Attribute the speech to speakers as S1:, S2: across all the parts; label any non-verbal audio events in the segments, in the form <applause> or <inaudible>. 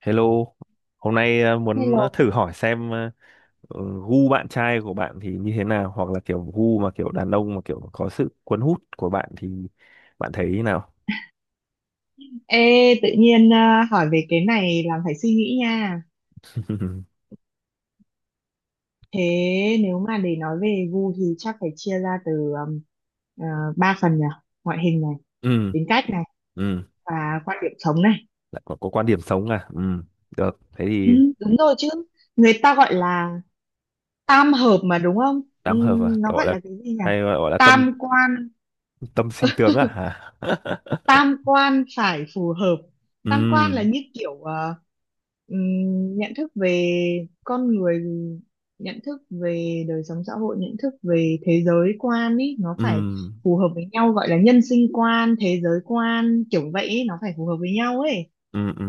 S1: Hello, hôm nay muốn thử
S2: Hello.
S1: hỏi xem ờ, gu bạn trai của bạn thì như thế nào, hoặc là kiểu gu mà kiểu đàn ông mà kiểu có sự cuốn hút của bạn thì bạn thấy thế nào?
S2: Ê, tự nhiên à, hỏi về cái này làm phải suy nghĩ nha.
S1: <laughs>
S2: Thế nếu mà để nói về gu thì chắc phải chia ra từ um, à, ba phần nhỉ? Ngoại hình này,
S1: Ừ,
S2: tính cách này
S1: ừ,
S2: và quan điểm sống này.
S1: lại có quan điểm sống à? Ừ, được, thế
S2: Ừ,
S1: thì
S2: đúng rồi chứ. Người ta gọi là tam hợp mà đúng không? Ừ,
S1: tám hợp à?
S2: nó
S1: Gọi
S2: gọi
S1: là
S2: là cái gì nhỉ?
S1: hay gọi là tâm
S2: Tam quan
S1: tâm sinh tướng à? Hả? <laughs>
S2: tam quan phải phù hợp. Tam
S1: Ừ,
S2: quan là như kiểu nhận thức về con người, nhận thức về đời sống xã hội, nhận thức về thế giới quan ý, nó
S1: ừ,
S2: phải phù hợp với nhau, gọi là nhân sinh quan, thế giới quan kiểu vậy ý, nó phải phù hợp với nhau ấy
S1: ừ, ừ.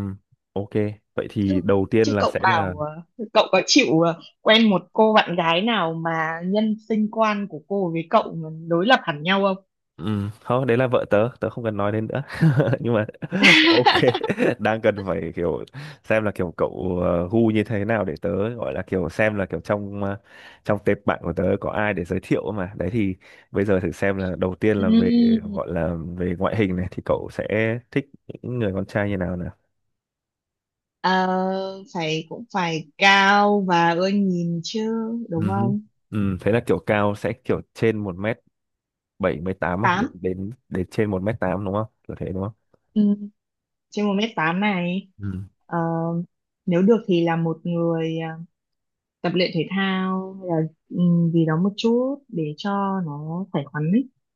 S1: Ok, vậy thì
S2: chứ
S1: đầu tiên
S2: chứ
S1: là
S2: cậu
S1: sẽ là.
S2: bảo cậu có chịu quen một cô bạn gái nào mà nhân sinh quan của cô với cậu mà đối lập hẳn nhau không?
S1: Ừ, không, đấy là vợ tớ, tớ không cần nói đến nữa. <laughs> Nhưng mà <laughs> ok,
S2: <laughs>
S1: đang cần phải kiểu xem là kiểu cậu gu như thế nào để tớ gọi là kiểu xem là kiểu trong trong tệp bạn của tớ có ai để giới thiệu mà. Đấy thì bây giờ thử xem là đầu tiên là về
S2: Ừm,
S1: gọi là về ngoại hình này thì cậu sẽ thích những người con trai như nào nào.
S2: Ờ, phải cũng phải cao và ưa nhìn chứ, đúng
S1: Ừ hứ.
S2: không?
S1: Ừ, thế là kiểu cao sẽ kiểu trên 1m78 à, đến
S2: 8
S1: đến đến trên 1m8 đúng không? Kiểu thế đúng không?
S2: ừ, Trên 1m8 này. Ờ, Nếu được thì là một người tập luyện thể thao hay là ừ, gì đó một chút để cho nó khỏe khoắn,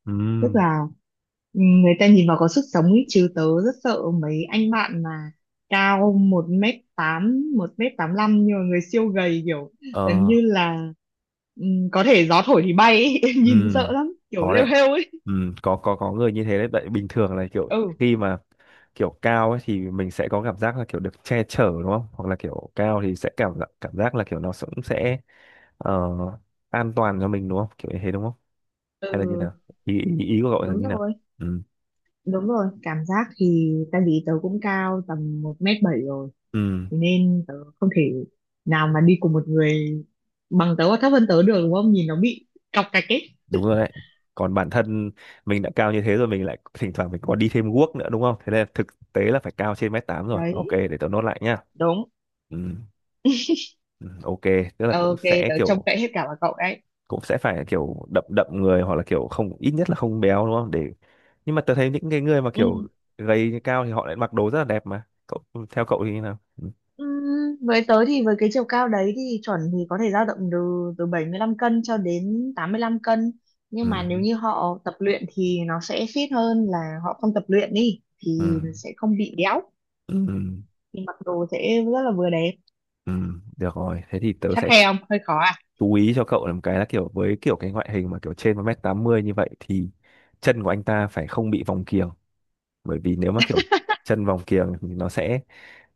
S1: Ừ.
S2: tức là người ta nhìn vào có sức sống ấy. Chứ tớ rất sợ mấy anh bạn mà cao 1m8, 1m85 nhưng mà người siêu gầy, kiểu
S1: Ừ.
S2: gần như là ừ, có thể gió thổi thì bay ấy. <laughs>
S1: Ừ,
S2: Nhìn sợ lắm, kiểu
S1: có
S2: lêu
S1: đấy.
S2: hêu ấy.
S1: Ừ, có người như thế đấy, tại bình thường là kiểu
S2: Ừ.
S1: khi mà kiểu cao ấy thì mình sẽ có cảm giác là kiểu được che chở đúng không, hoặc là kiểu cao thì sẽ cảm giác là kiểu nó cũng sẽ ờ, an toàn cho mình đúng không, kiểu như thế đúng không, hay là như
S2: Ừ.
S1: nào, ý ý, ý của cậu là
S2: Đúng
S1: như nào.
S2: rồi.
S1: Ừ,
S2: Đúng rồi, cảm giác thì tại vì tớ cũng cao tầm 1m7 rồi.
S1: ừ,
S2: Thế nên tớ không thể nào mà đi cùng một người bằng tớ hoặc thấp hơn tớ được, đúng không, nhìn nó bị cọc cạch ấy.
S1: đúng rồi đấy. Còn bản thân mình đã cao như thế rồi, mình lại thỉnh thoảng mình còn đi thêm guốc nữa đúng không, thế nên thực tế là phải cao trên m8 rồi. Ok,
S2: Đấy.
S1: để tớ nốt lại nhá.
S2: Đúng.
S1: Ừ, ừ, ok, tức là cũng
S2: Ok,
S1: sẽ
S2: tớ trông
S1: kiểu
S2: cậy hết cả vào cậu đấy.
S1: cũng sẽ phải kiểu đậm đậm người, hoặc là kiểu không, ít nhất là không béo đúng không, để nhưng mà tớ thấy những cái người mà
S2: Ừ.
S1: kiểu gầy cao thì họ lại mặc đồ rất là đẹp mà cậu, theo cậu thì như nào. Ừ.
S2: Với tớ thì với cái chiều cao đấy thì chuẩn thì có thể dao động từ từ 75 cân cho đến 85 cân,
S1: Ừ.
S2: nhưng mà nếu như họ tập luyện thì nó sẽ fit hơn. Là họ không tập luyện đi
S1: Ừ.
S2: thì sẽ không bị béo,
S1: Ừ.
S2: thì mặc đồ sẽ rất là vừa đẹp.
S1: Ừ. Được rồi, thế thì tớ
S2: Khắt
S1: sẽ
S2: khe không, hơi khó à?
S1: chú ý cho cậu. Làm cái là kiểu với kiểu cái ngoại hình mà kiểu trên 1m80 như vậy thì chân của anh ta phải không bị vòng kiềng, bởi vì nếu mà kiểu chân vòng kiềng thì nó sẽ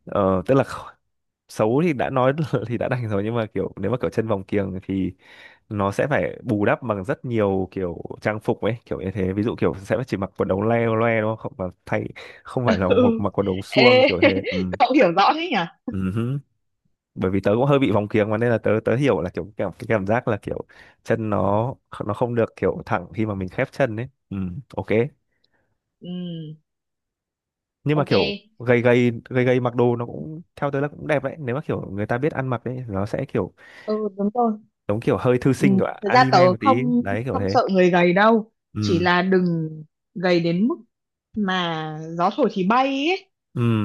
S1: ờ, tức là kh- xấu thì đã nói <laughs> thì đã đành rồi, nhưng mà kiểu nếu mà kiểu chân vòng kiềng thì nó sẽ phải bù đắp bằng rất nhiều kiểu trang phục ấy, kiểu như thế, ví dụ kiểu sẽ chỉ mặc quần ống le loe đúng không, và thay không phải là
S2: <laughs>
S1: một
S2: Ừ.
S1: mặc quần ống suông
S2: Ê,
S1: kiểu thế. Ừ.
S2: <laughs> cậu hiểu rõ thế nhỉ.
S1: Ừ hứ. Bởi vì tớ cũng hơi bị vòng kiếng mà, nên là tớ tớ hiểu là kiểu cái cảm giác là kiểu chân nó không được kiểu thẳng khi mà mình khép chân ấy. Ừ, ok.
S2: Ừ.
S1: Nhưng mà
S2: Ok.
S1: kiểu gầy gầy gầy gầy mặc đồ nó cũng theo tớ là cũng đẹp đấy, nếu mà kiểu người ta biết ăn mặc đấy, nó sẽ kiểu
S2: Ừ, đúng rồi.
S1: giống kiểu hơi thư
S2: Ừ,
S1: sinh của
S2: thật ra tớ
S1: anime một tí
S2: không
S1: đấy, kiểu
S2: không
S1: thế.
S2: sợ người gầy đâu, chỉ
S1: Ừ,
S2: là đừng gầy đến mức mà gió thổi thì bay ấy,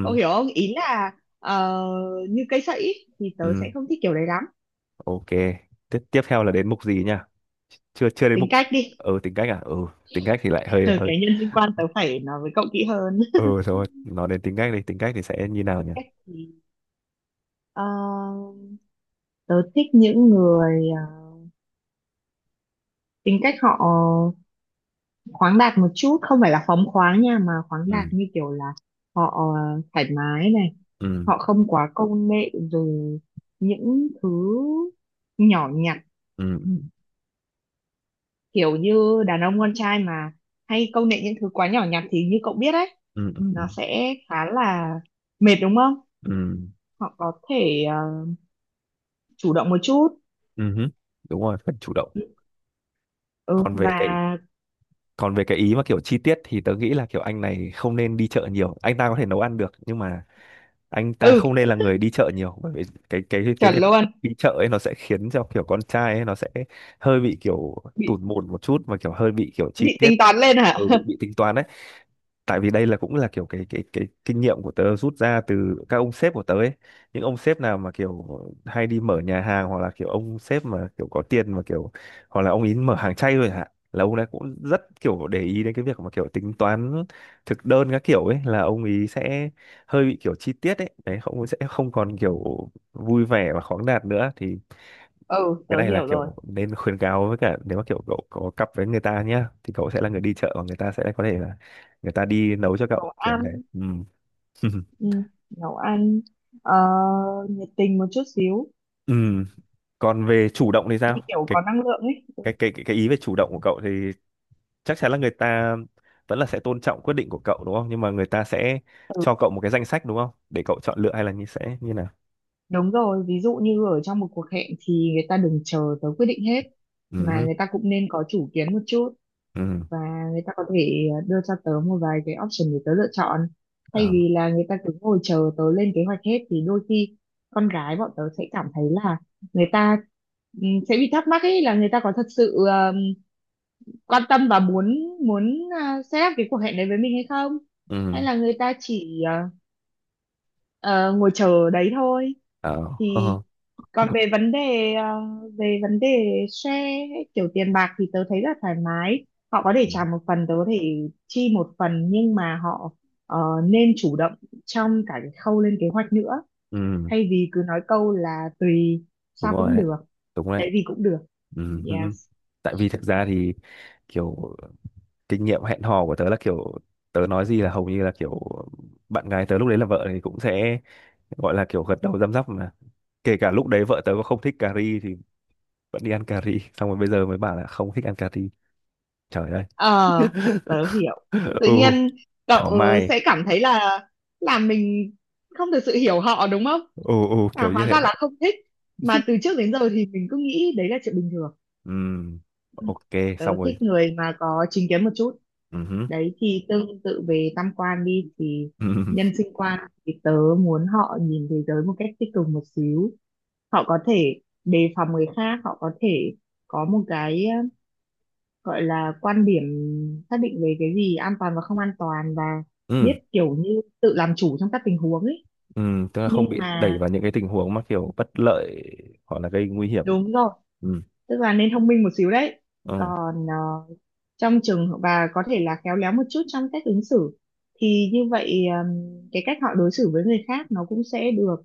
S2: cậu hiểu không, ý là ờ, như cây sậy ấy, thì tớ sẽ
S1: ừ.
S2: không thích kiểu đấy lắm.
S1: Ok, tiếp tiếp theo là đến mục gì nha? Chưa, chưa đến
S2: Tính
S1: mục.
S2: cách đi.
S1: Ừ, tính cách à? Ừ, tính cách thì lại hơi
S2: <laughs>
S1: hơi.
S2: Cái nhân sinh quan tớ phải nói với cậu kỹ hơn.
S1: Ừ thôi, nói đến tính cách đi, tính cách thì sẽ như
S2: <laughs>
S1: nào
S2: Tính
S1: nhỉ?
S2: cách thì ờ, tớ thích những người tính cách họ khoáng đạt một chút, không phải là phóng khoáng nha, mà khoáng đạt
S1: Ừ,
S2: như kiểu là họ thoải mái này,
S1: ừ,
S2: họ không quá công nghệ rồi những thứ nhỏ nhặt.
S1: ừ,
S2: Kiểu như đàn ông con trai mà hay công nghệ những thứ quá nhỏ nhặt thì như cậu biết đấy,
S1: ừ, ừ, ừ.
S2: nó sẽ khá là mệt đúng không.
S1: Ừ,
S2: Họ có thể chủ động một chút.
S1: ừ hứ. Đúng rồi, cần chủ động.
S2: Ừ.
S1: Còn về
S2: Và
S1: cái còn về cái ý mà kiểu chi tiết thì tớ nghĩ là kiểu anh này không nên đi chợ nhiều. Anh ta có thể nấu ăn được nhưng mà anh ta
S2: ừ,
S1: không nên là người đi chợ nhiều, bởi vì cái
S2: chuẩn
S1: việc
S2: luôn.
S1: đi chợ ấy nó sẽ khiến cho kiểu con trai ấy nó sẽ hơi bị kiểu
S2: Bị.
S1: tủn mồn một chút và kiểu hơi bị kiểu chi
S2: Bị
S1: tiết.
S2: tính toán lên hả? <laughs>
S1: Bị tính toán đấy, tại vì đây là cũng là kiểu cái kinh nghiệm của tớ rút ra từ các ông sếp của tớ ấy. Những ông sếp nào mà kiểu hay đi mở nhà hàng, hoặc là kiểu ông sếp mà kiểu có tiền mà kiểu hoặc là ông ý mở hàng chay rồi hả, là ông ấy cũng rất kiểu để ý đến cái việc mà kiểu tính toán thực đơn các kiểu ấy, là ông ý sẽ hơi bị kiểu chi tiết ấy, đấy, không sẽ không còn kiểu vui vẻ và khoáng đạt nữa. Thì
S2: Ừ,
S1: cái
S2: tớ
S1: này là
S2: hiểu rồi.
S1: kiểu nên khuyến cáo, với cả nếu mà kiểu cậu có cặp với người ta nhá thì cậu sẽ là người đi chợ và người ta sẽ có thể là người ta đi nấu cho
S2: Nấu
S1: cậu, kiểu như thế.
S2: ăn.
S1: Ừ. <laughs>
S2: ừ, Nấu ăn ờ, nhiệt tình một chút xíu,
S1: Ừ. Còn về chủ động thì
S2: như
S1: sao,
S2: kiểu
S1: cái
S2: có năng lượng ấy.
S1: cái cái cái cái ý về chủ động của cậu thì chắc chắn là người ta vẫn là sẽ tôn trọng quyết định của cậu đúng không, nhưng mà người ta sẽ
S2: Ừ,
S1: cho cậu một cái danh sách đúng không, để cậu chọn lựa hay là như sẽ như nào.
S2: đúng rồi, ví dụ như ở trong một cuộc hẹn thì người ta đừng chờ tới quyết định hết, mà
S1: Ừ,
S2: người ta cũng nên có chủ kiến một chút,
S1: ừ,
S2: và người ta có thể đưa cho tớ một vài cái option để tớ lựa chọn, thay
S1: ờ,
S2: vì là người ta cứ ngồi chờ tớ lên kế hoạch hết. Thì đôi khi con gái bọn tớ sẽ cảm thấy là người ta sẽ bị thắc mắc ấy, là người ta có thật sự quan tâm và muốn muốn à, set up cái cuộc hẹn đấy với mình hay không, hay
S1: ừ,
S2: là người ta chỉ ờ, ngồi chờ đấy thôi.
S1: ờ.
S2: Thì
S1: <laughs>
S2: còn về vấn đề ờ, về vấn đề share ấy, kiểu tiền bạc thì tớ thấy là thoải mái, họ có thể
S1: Ừ,
S2: trả một phần, tớ có thể chi một phần, nhưng mà họ ờ, nên chủ động trong cả cái khâu lên kế hoạch nữa,
S1: ừ,
S2: thay vì cứ nói câu là tùy,
S1: đúng
S2: sao
S1: rồi
S2: cũng
S1: đấy,
S2: được,
S1: đúng rồi.
S2: cái gì cũng được.
S1: Ừ.
S2: Yes.
S1: Tại vì thực ra thì kiểu, kinh nghiệm hẹn hò của tớ là kiểu tớ nói gì là hầu như là kiểu bạn gái tớ lúc đấy là vợ thì cũng sẽ gọi là kiểu gật đầu răm rắp mà, kể cả lúc đấy vợ tớ có không thích cà ri thì vẫn đi ăn cà ri, <laughs> xong rồi bây giờ mới bảo là không thích ăn cà ri, trời ơi.
S2: Ờ, Tớ hiểu.
S1: <laughs>
S2: Tự
S1: Ừ,
S2: nhiên cậu
S1: thảo mai.
S2: sẽ cảm thấy là mình không thực sự hiểu họ đúng không?
S1: Ừ, ừ,
S2: À,
S1: kiểu như
S2: hóa
S1: thế
S2: ra
S1: đấy.
S2: là không thích. Mà từ trước đến giờ thì mình cứ nghĩ đấy là chuyện bình thường.
S1: Ừ,
S2: Ừ.
S1: ok,
S2: Tớ
S1: xong rồi.
S2: thích người mà có chính kiến một chút.
S1: Ừ hứ,
S2: Đấy, thì tương tự về tam quan đi thì
S1: ừ,
S2: nhân sinh quan thì tớ muốn họ nhìn thế giới một cách tích cực một xíu. Họ có thể đề phòng người khác, họ có thể có một cái gọi là quan điểm xác định về cái gì an toàn và không an toàn, và biết
S1: ừ,
S2: kiểu như tự làm chủ trong các tình huống ấy.
S1: ừ, tức là không
S2: Nhưng
S1: bị đẩy
S2: mà
S1: vào những cái tình huống mà kiểu bất lợi hoặc là gây nguy hiểm.
S2: đúng rồi,
S1: Ừ,
S2: tức là nên thông minh một xíu đấy.
S1: ừ.
S2: Còn trong trường và có thể là khéo léo một chút trong cách ứng xử, thì như vậy cái cách họ đối xử với người khác nó cũng sẽ được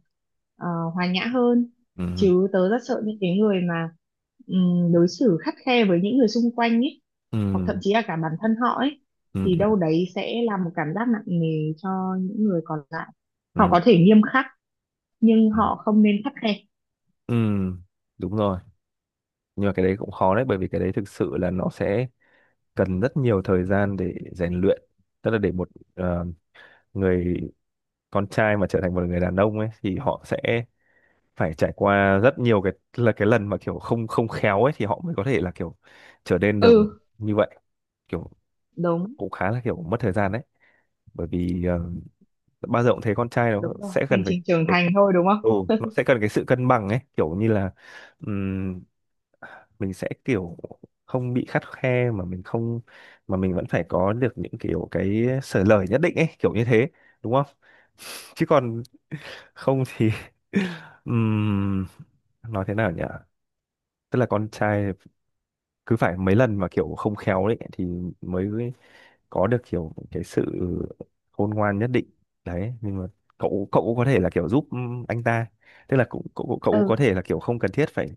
S2: ờ, hòa nhã hơn.
S1: Ừm,
S2: Chứ tớ rất sợ những cái người mà đối xử khắt khe với những người xung quanh ấy, hoặc thậm
S1: ừm,
S2: chí là cả bản thân họ ấy,
S1: ừm,
S2: thì
S1: ừm,
S2: đâu đấy sẽ là một cảm giác nặng nề cho những người còn lại. Họ có
S1: ừm,
S2: thể nghiêm khắc nhưng
S1: ừm,
S2: họ không nên khắt khe.
S1: ừm. Đúng rồi. Nhưng mà cái đấy cũng khó đấy, bởi vì cái đấy thực sự là nó sẽ cần rất nhiều thời gian để rèn luyện. Tức là để một ờ, người con trai mà trở thành một người đàn ông ấy thì họ sẽ phải trải qua rất nhiều cái là cái lần mà kiểu không, không khéo ấy thì họ mới có thể là kiểu trở nên được
S2: Ừ.
S1: như vậy. Kiểu
S2: Đúng.
S1: cũng khá là kiểu mất thời gian đấy. Bởi vì bao giờ cũng thấy con trai nó
S2: Đúng rồi,
S1: sẽ
S2: hành
S1: cần phải
S2: trình trưởng
S1: phải
S2: thành thôi đúng không.
S1: Ừ, nó sẽ cần cái sự cân bằng ấy kiểu như là ừm, mình sẽ kiểu không bị khắt khe mà mình không, mà mình vẫn phải có được những kiểu cái sở lời nhất định ấy, kiểu như thế đúng không. <laughs> Chứ còn không thì <laughs> ừm, nói thế nào nhỉ, tức là con trai cứ phải mấy lần mà kiểu không khéo đấy thì mới có được kiểu cái sự khôn ngoan nhất định đấy, nhưng mà cậu cậu cũng có thể là kiểu giúp anh ta, tức là cũng cậu, cậu cũng
S2: Ừ,
S1: có thể là kiểu không cần thiết phải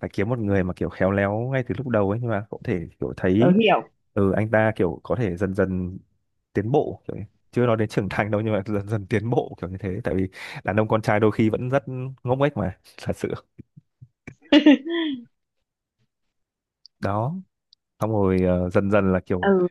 S1: phải kiếm một người mà kiểu khéo léo ngay từ lúc đầu ấy, nhưng mà cậu có thể kiểu
S2: tớ
S1: thấy
S2: hiểu.
S1: ừ anh ta kiểu có thể dần dần tiến bộ kiểu, chưa nói đến trưởng thành đâu, nhưng mà dần dần tiến bộ kiểu như thế, tại vì đàn ông con trai đôi khi vẫn rất ngốc nghếch mà, <laughs> thật sự
S2: <laughs>
S1: đó. Xong rồi dần dần là kiểu
S2: Ừ,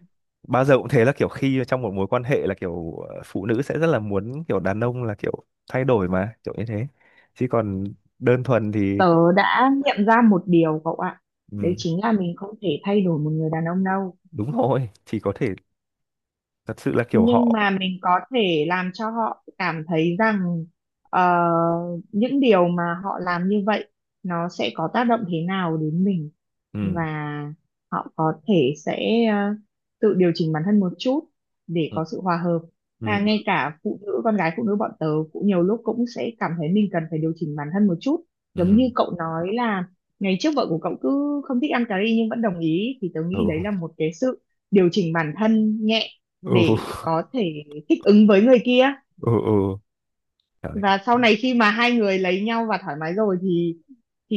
S1: bao giờ cũng thế, là kiểu khi trong một mối quan hệ là kiểu phụ nữ sẽ rất là muốn kiểu đàn ông là kiểu thay đổi mà, kiểu như thế, chứ còn đơn thuần thì.
S2: tớ đã nghiệm ra một điều, cậu ạ. Đấy
S1: Ừ,
S2: chính là mình không thể thay đổi một người đàn ông đâu,
S1: đúng rồi, chỉ có thể thật sự là kiểu
S2: nhưng
S1: họ.
S2: mà mình có thể làm cho họ cảm thấy rằng ờ, những điều mà họ làm như vậy nó sẽ có tác động thế nào đến mình, và
S1: Ừ,
S2: họ có thể sẽ tự điều chỉnh bản thân một chút để
S1: ừ,
S2: có sự hòa hợp.
S1: ừ,
S2: Ngay cả phụ nữ, con gái phụ nữ bọn tớ cũng nhiều lúc cũng sẽ cảm thấy mình cần phải điều chỉnh bản thân một chút, giống như
S1: ừ,
S2: cậu nói là ngày trước vợ của cậu cứ không thích ăn cà ri nhưng vẫn đồng ý. Thì tớ
S1: ừ,
S2: nghĩ đấy là một cái sự điều chỉnh bản thân nhẹ
S1: ừ,
S2: để có thể thích ứng với người kia,
S1: ừ, ừ. Trời.
S2: và sau này khi mà hai người lấy nhau và thoải mái rồi thì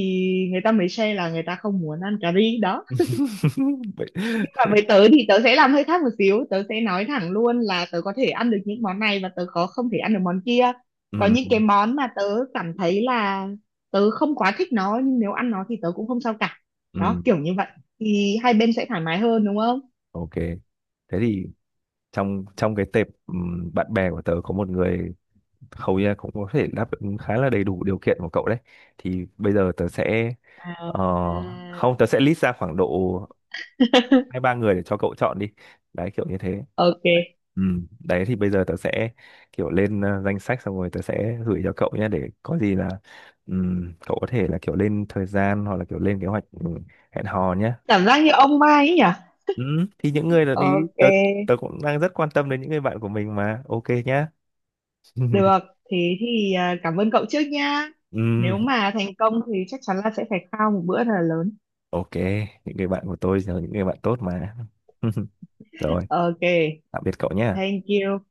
S2: người ta mới share là người ta không muốn ăn cà ri đó.
S1: <laughs> Vậy.
S2: Nhưng mà với tớ thì tớ sẽ làm hơi khác một xíu, tớ sẽ nói thẳng luôn là tớ có thể ăn được những món này, và tớ có không thể ăn được món kia. Có
S1: Ừ,
S2: những cái món mà tớ cảm thấy là tớ không quá thích nó, nhưng nếu ăn nó thì tớ cũng không sao cả.
S1: ừ,
S2: Đó, kiểu như vậy thì hai bên sẽ thoải mái hơn đúng không.
S1: ok. Thế thì trong trong cái tệp ừ, bạn bè của tớ có một người hầu như là cũng có thể đáp ứng khá là đầy đủ điều kiện của cậu đấy, thì bây giờ tớ sẽ ờ,
S2: à...
S1: không tớ sẽ list ra khoảng độ hai
S2: <laughs>
S1: ba người để cho cậu chọn đi, đấy kiểu như thế.
S2: ok.
S1: Ừ. Đấy thì bây giờ tớ sẽ kiểu lên danh sách xong rồi tớ sẽ gửi cho cậu nhé, để có gì là cậu có thể là kiểu lên thời gian hoặc là kiểu lên kế hoạch hẹn hò nhé.
S2: Cảm giác như ông Mai ấy nhỉ.
S1: Ừ. Thì những người là đi
S2: Ok,
S1: tớ tớ cũng đang rất quan tâm đến những người bạn của mình mà, ok nhá. <laughs>
S2: được. Thế thì cảm ơn cậu trước nha.
S1: Ừ.
S2: Nếu mà thành công thì chắc chắn là sẽ phải khao một bữa thật là lớn.
S1: Ok, những người bạn của tôi là những người bạn tốt mà. <laughs> Rồi,
S2: Ok,
S1: tạm biệt cậu nhé.
S2: thank you.